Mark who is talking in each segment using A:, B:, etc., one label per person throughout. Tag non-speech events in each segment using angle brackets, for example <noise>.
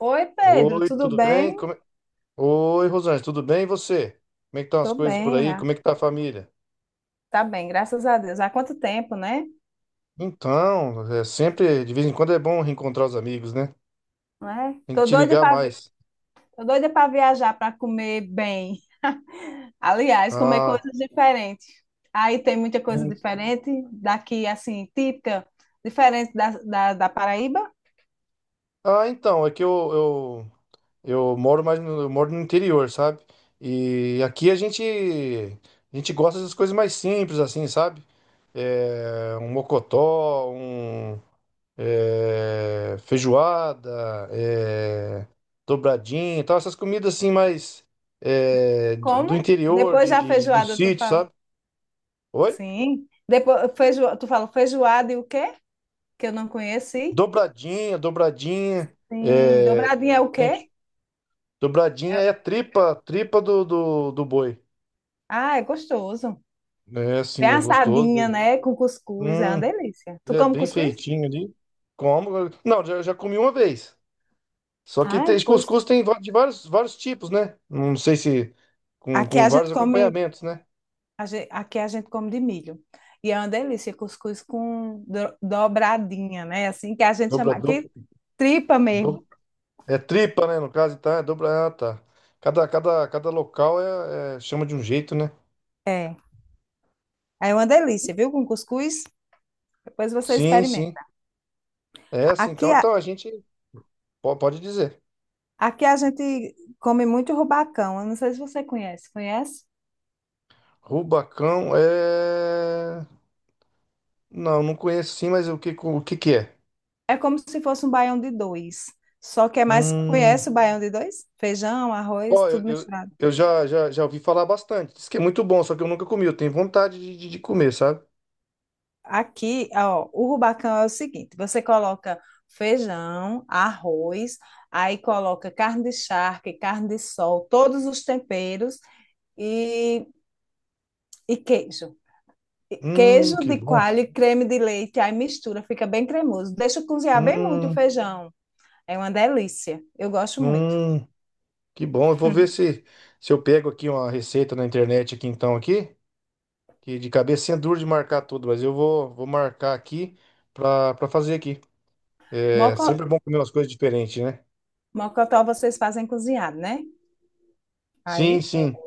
A: Oi, Pedro,
B: Oi,
A: tudo
B: tudo bem?
A: bem?
B: Oi, Rosângela, tudo bem? E você? Como é que estão
A: Tô
B: as coisas por
A: bem,
B: aí? Como é que tá a família?
A: tá bem, graças a Deus. Há quanto tempo, né?
B: Então, é sempre, de vez em quando é bom reencontrar os amigos, né?
A: Não é?
B: Tem que te ligar mais.
A: Tô doida para viajar, para comer bem. Aliás, comer
B: Ah,
A: coisas diferentes. Aí tem muita coisa
B: bem-
A: diferente daqui, assim, típica, diferente da Paraíba.
B: então, é que eu moro mais no, eu moro no interior, sabe? E aqui a gente gosta das coisas mais simples, assim, sabe? É, um mocotó, feijoada, é, dobradinha e tal, essas comidas assim mais, do
A: Como?
B: interior,
A: Depois da
B: do
A: feijoada, tu
B: sítio,
A: fala.
B: sabe? Oi?
A: Sim. Tu fala feijoada e o quê? Que eu não conheci.
B: Dobradinha,
A: Sim.
B: é,
A: Dobradinha é o quê?
B: gente, dobradinha é a tripa, tripa do boi.
A: Ah, é gostoso.
B: É
A: Bem
B: assim, é
A: assadinha,
B: gostoso.
A: né? Com cuscuz, é uma
B: Hum,
A: delícia. Tu
B: é
A: come
B: bem
A: cuscuz?
B: feitinho ali. Como? Não, já comi uma vez. Só que
A: Ai,
B: tem,
A: pois.
B: cuscuz tem de vários, vários tipos, né? Não sei se com,
A: Aqui
B: com
A: a gente
B: vários
A: come,
B: acompanhamentos, né?
A: Aqui a gente come de milho. E é uma delícia, cuscuz com dobradinha, né? Assim que a gente
B: Dobra,
A: chama
B: dobra,
A: aqui, tripa mesmo.
B: dobra. É tripa, né? No caso, então é dobra. Ah, tá. Cada local chama de um jeito, né?
A: É. É uma delícia, viu? Com cuscuz, depois você
B: Sim, sim.
A: experimenta.
B: É assim,
A: Aqui,
B: então,
A: a-
B: então a gente pode dizer.
A: Aqui a gente come muito rubacão. Eu não sei se você conhece. Conhece?
B: Rubacão é. Não, não conheço sim, mas o que que é?
A: É como se fosse um baião de dois. Só que é mais.
B: Hum.
A: Conhece o baião de dois? Feijão, arroz,
B: Ó,
A: tudo misturado.
B: eu já ouvi falar bastante. Diz que é muito bom, só que eu nunca comi. Eu tenho vontade de comer, sabe?
A: Aqui, ó, o rubacão é o seguinte: você coloca feijão, arroz, aí coloca carne de charque, carne de sol, todos os temperos e, e queijo. E queijo
B: Que
A: de
B: bom.
A: coalho e creme de leite, aí mistura, fica bem cremoso. Deixa cozinhar bem muito o
B: Hum,
A: feijão. É uma delícia. Eu gosto muito.
B: hum, que bom. Eu vou ver se, se eu pego aqui uma receita na internet aqui então aqui. Que de cabecinha é duro de marcar tudo, mas eu vou marcar aqui pra fazer aqui. É
A: Moco,
B: sempre bom comer umas coisas diferentes, né?
A: mocotó vocês fazem cozinhado, né?
B: Sim,
A: Aí, é,
B: sim.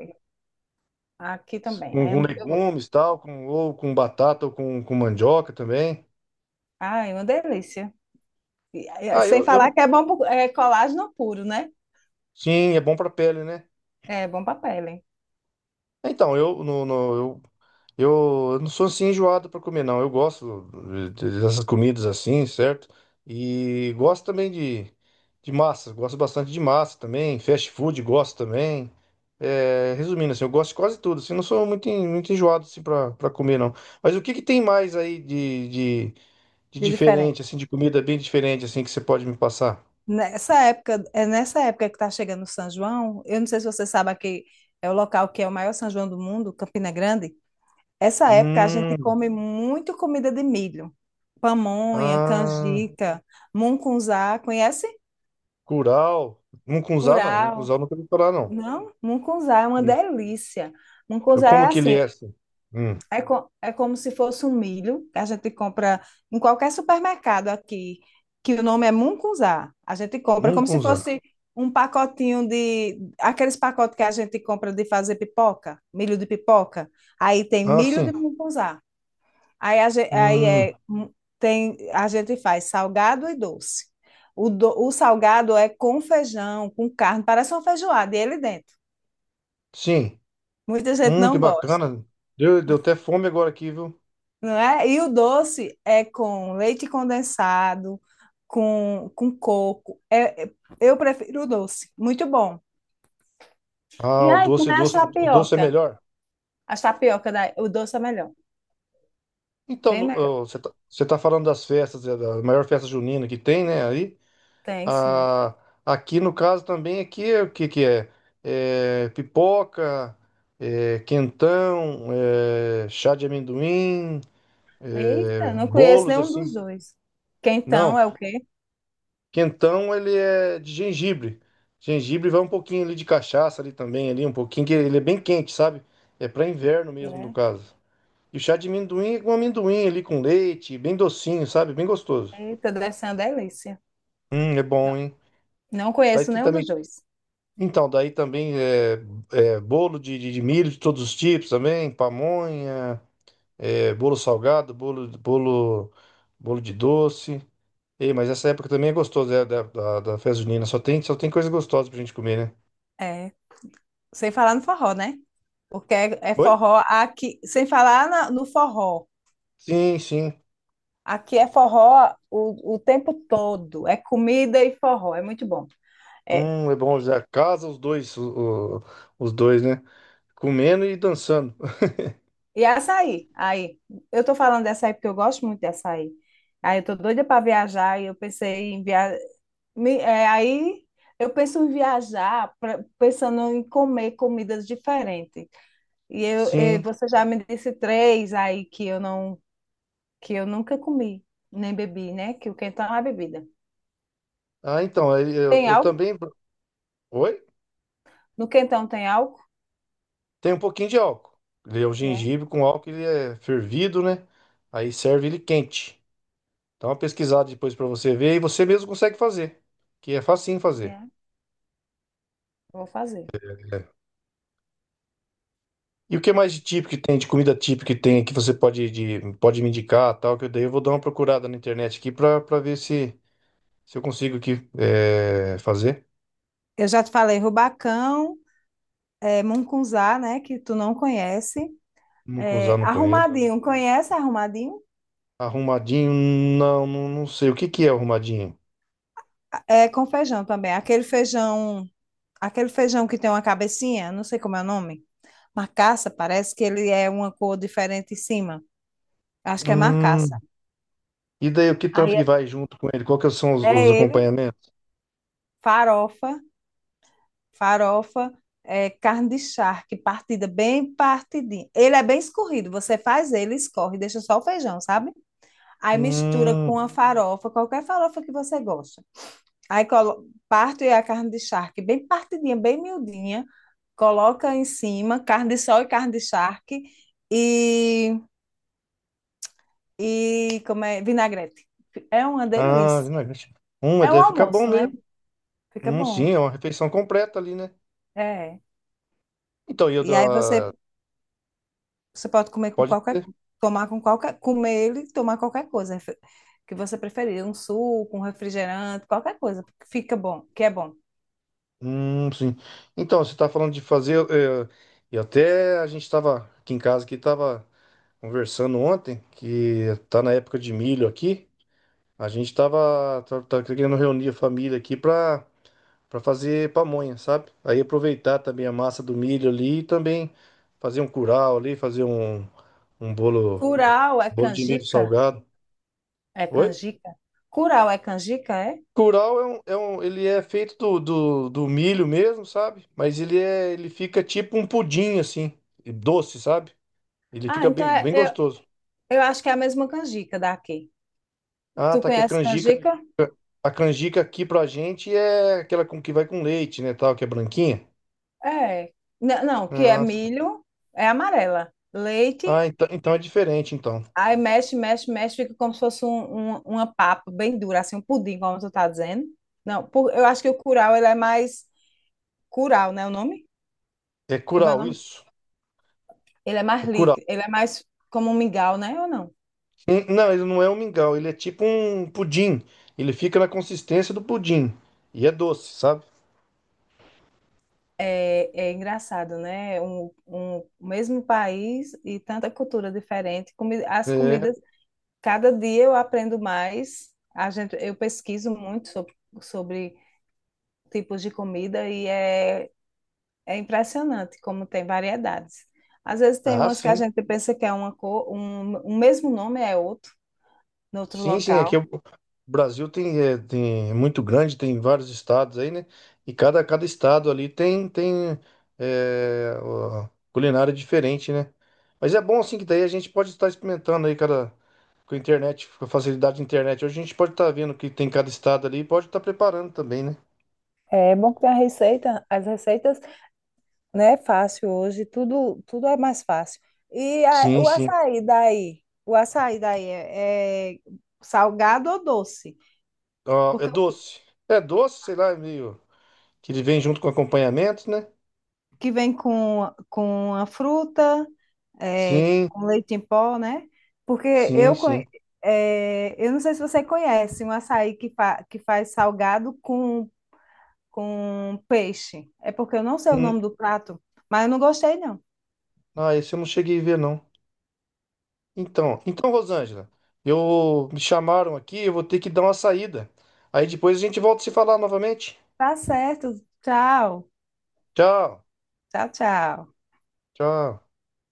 A: aqui também.
B: Com legumes, tal, com, ou com batata, ou com mandioca também.
A: Ai, uma delícia.
B: Ah,
A: Sem
B: eu
A: falar
B: não.
A: que é bom, é colágeno puro, né?
B: Sim, é bom pra pele, né?
A: É, bom papel, hein?
B: Então, eu, no, no- eu eu não sou assim enjoado para comer, não. Eu gosto dessas comidas assim, certo? E gosto também de massa. Gosto bastante de massa também. Fast food, gosto também. É, resumindo, assim, eu gosto de quase tudo. Assim, não sou muito, muito enjoado assim, para comer, não. Mas o que que tem mais aí de
A: De diferente.
B: diferente, assim, de comida bem diferente, assim, que você pode me passar?
A: Nessa época, é nessa época que está chegando o São João, eu não sei se você sabe aqui, é o local que é o maior São João do mundo, Campina Grande. Essa época a gente
B: Hum,
A: come muito comida de milho. Pamonha,
B: ah,
A: canjica, mungunzá, conhece?
B: curau. Mungunzá, não. Mungunzá
A: Curau.
B: eu nunca vi falar, não.
A: Não? Mungunzá é uma
B: Hum,
A: delícia. Mungunzá é
B: como que ele
A: assim,
B: é, assim? Hum.
A: é, é como se fosse um milho que a gente compra em qualquer supermercado aqui, que o nome é mungunzá. A gente compra como se
B: Mungunzá.
A: fosse um pacotinho de Aqueles pacotes que a gente compra de fazer pipoca, milho de pipoca. Aí tem
B: Ah,
A: milho
B: sim.
A: de mungunzá. Aí, a gente, aí
B: Hum,
A: é, mu- Tem, a gente faz salgado e doce. O salgado é com feijão, com carne, parece uma feijoada, e ele dentro.
B: sim.
A: Muita gente
B: Que
A: não gosta.
B: bacana. Deu, deu até fome agora aqui, viu?
A: Não é? E o doce é com leite condensado, com coco. É, eu prefiro o doce, muito bom. E
B: Ah, o
A: aí,
B: doce,
A: como é as
B: doce, o doce é
A: tapioca?
B: melhor.
A: O doce é melhor,
B: Então,
A: bem melhor.
B: ó, você tá falando das festas, é, da maior festa junina que tem, né? Aí,
A: Tem, sim.
B: ah, aqui no caso também, aqui é o que que é? É pipoca, é quentão, é chá de amendoim, é
A: Eita, não conheço
B: bolos
A: nenhum dos
B: assim.
A: dois. Quentão
B: Não.
A: é o quê?
B: Quentão, ele é de gengibre. Gengibre vai um pouquinho ali de cachaça ali também, ali um pouquinho, que ele é bem quente, sabe? É para inverno mesmo, no
A: É.
B: caso. E o chá de amendoim é com amendoim ali com leite, bem docinho, sabe? Bem gostoso.
A: Eita, deve ser uma delícia.
B: É bom, hein?
A: Não
B: Daí
A: conheço
B: tem
A: nenhum dos
B: também.
A: dois.
B: Então, daí também é, é bolo de milho de todos os tipos também, pamonha, é, bolo salgado, bolo de doce. Ei, mas essa época também é gostosa, é, da festa junina. Só tem coisa gostosa pra gente comer, né?
A: É, sem falar no forró, né? Porque é, é
B: Oi?
A: forró aqui, sem falar no forró.
B: Sim, sim.
A: Aqui é forró o tempo todo. É comida e forró. É muito bom. É,
B: É bom já. Casa os dois, os dois, né? Comendo e dançando. <laughs>
A: e açaí. Aí, eu tô falando de açaí porque eu gosto muito de açaí. Aí eu tô doida para viajar e eu pensei em viajar. Aí eu penso em viajar pensando em comer comidas diferentes. E eu, eh,
B: Sim.
A: você já me disse três aí que eu nunca comi, nem bebi, né? Que o quentão é a bebida.
B: Ah, então, aí
A: Tem
B: eu
A: álcool?
B: também. Oi?
A: No quentão tem álcool?
B: Tem um pouquinho de álcool. Ele é o
A: É,
B: gengibre com álcool, ele é fervido, né? Aí serve ele quente. Dá uma pesquisada depois pra você ver e você mesmo consegue fazer. Que é facinho fazer.
A: é. Vou fazer.
B: É. E o que mais de típico que tem, de comida típica que tem, que você pode, de, pode me indicar, tal, que eu daí eu vou dar uma procurada na internet aqui pra, pra ver se, se eu consigo aqui, é, fazer.
A: Eu já te falei rubacão, é, mungunzá, né, que tu não conhece.
B: Nunca
A: É,
B: usar, não conheço.
A: arrumadinho, conhece arrumadinho?
B: Arrumadinho, não, não, não sei. O que que é arrumadinho?
A: É com feijão também. Aquele feijão que tem uma cabecinha, não sei como é o nome. Macaça, parece que ele é uma cor diferente em cima. Acho que é macaça.
B: Hum, e daí o que tanto
A: Aí
B: que
A: é
B: vai junto com ele? Qual que são os
A: é ele,
B: acompanhamentos?
A: farofa, farofa, é, carne de charque, partida bem partidinha. Ele é bem escorrido, você faz ele, escorre, deixa só o feijão, sabe? Aí mistura
B: Hum,
A: com a farofa, qualquer farofa que você gosta. Parto e a carne de charque bem partidinha, bem miudinha, coloca em cima carne de sol e carne de charque e, e como é, vinagrete. É uma
B: ah,
A: delícia.
B: não, gente. Hum, mas
A: É um
B: deve ficar bom
A: almoço,
B: mesmo.
A: né? Fica
B: Sim,
A: bom.
B: é uma refeição completa ali, né?
A: É.
B: Então, e eu,
A: E aí você,
B: ah,
A: Você pode comer com
B: pode
A: qualquer,
B: ser.
A: tomar com qualquer, comer ele, e tomar qualquer coisa que você preferir, um suco, um refrigerante, qualquer coisa, porque fica bom, que é bom.
B: Sim. Então, você tá falando de fazer, eh, e até a gente tava aqui em casa, que tava conversando ontem, que tá na época de milho aqui. A gente tá querendo reunir a família aqui pra, pra fazer pamonha, sabe? Aí aproveitar também a massa do milho ali e também fazer um curau ali, fazer um, um bolo,
A: Curau é
B: bolo de milho
A: canjica?
B: salgado.
A: É
B: Oi?
A: canjica? Curau é canjica, é?
B: Curau é um, ele é feito do milho mesmo, sabe? Mas ele é, ele fica tipo um pudim assim, e doce, sabe? Ele
A: Ah,
B: fica
A: então
B: bem,
A: é-
B: bem
A: eu,
B: gostoso.
A: eu acho que é a mesma canjica daqui.
B: Ah,
A: Tu
B: tá que
A: conhece canjica?
B: a canjica aqui pra gente é aquela com que vai com leite, né, tal, que é branquinha.
A: É. Não, que é
B: Ah,
A: milho, é amarela. Leite,
B: ah, então, então é diferente, então.
A: aí mexe, mexe, mexe, fica como se fosse uma papa bem dura, assim, um pudim, como tu tá dizendo. Não, eu acho que o curau, ele é mais Curau, né, o nome?
B: É
A: Como é o
B: curau,
A: nome?
B: isso? É curau.
A: Ele é mais como um mingau, né, ou não?
B: Não, ele não é um mingau, ele é tipo um pudim. Ele fica na consistência do pudim. E é doce, sabe?
A: É, é engraçado, né? Um mesmo país e tanta cultura diferente. As
B: É.
A: comidas, cada dia eu aprendo mais. A gente, eu pesquiso muito sobre, sobre tipos de comida e é, é impressionante como tem variedades. Às vezes tem
B: Ah,
A: umas que a
B: sim.
A: gente pensa que é uma cor, um mesmo nome é outro, no outro
B: Sim, sim, aqui
A: local.
B: o Brasil tem é muito grande, tem vários estados aí, né? E cada, cada estado ali tem é, ó, culinária diferente, né? Mas é bom assim que daí a gente pode estar experimentando aí cada com a internet, com a facilidade da internet. Hoje a gente pode estar vendo o que tem cada estado ali e pode estar preparando também, né?
A: É bom que tem a receita, as receitas né? Fácil hoje, tudo, tudo é mais fácil.
B: Sim,
A: O
B: sim.
A: açaí daí? O açaí daí é, é salgado ou doce?
B: Ó, é
A: Porque o
B: doce. É doce, sei lá, é meio que ele vem junto com acompanhamento, né?
A: que vem com a fruta, é,
B: Sim,
A: com leite em pó, né? Porque
B: sim,
A: eu,
B: sim.
A: conhe- é, eu não sei se você conhece um açaí que faz salgado com peixe. É porque eu não sei o
B: Hum,
A: nome do prato, mas eu não gostei, não.
B: ah, esse eu não cheguei a ver, não. Então, então, Rosângela, eu me chamaram aqui, eu vou ter que dar uma saída. Aí depois a gente volta a se falar novamente.
A: Tá certo. Tchau.
B: Tchau,
A: Tchau, tchau.
B: tchau.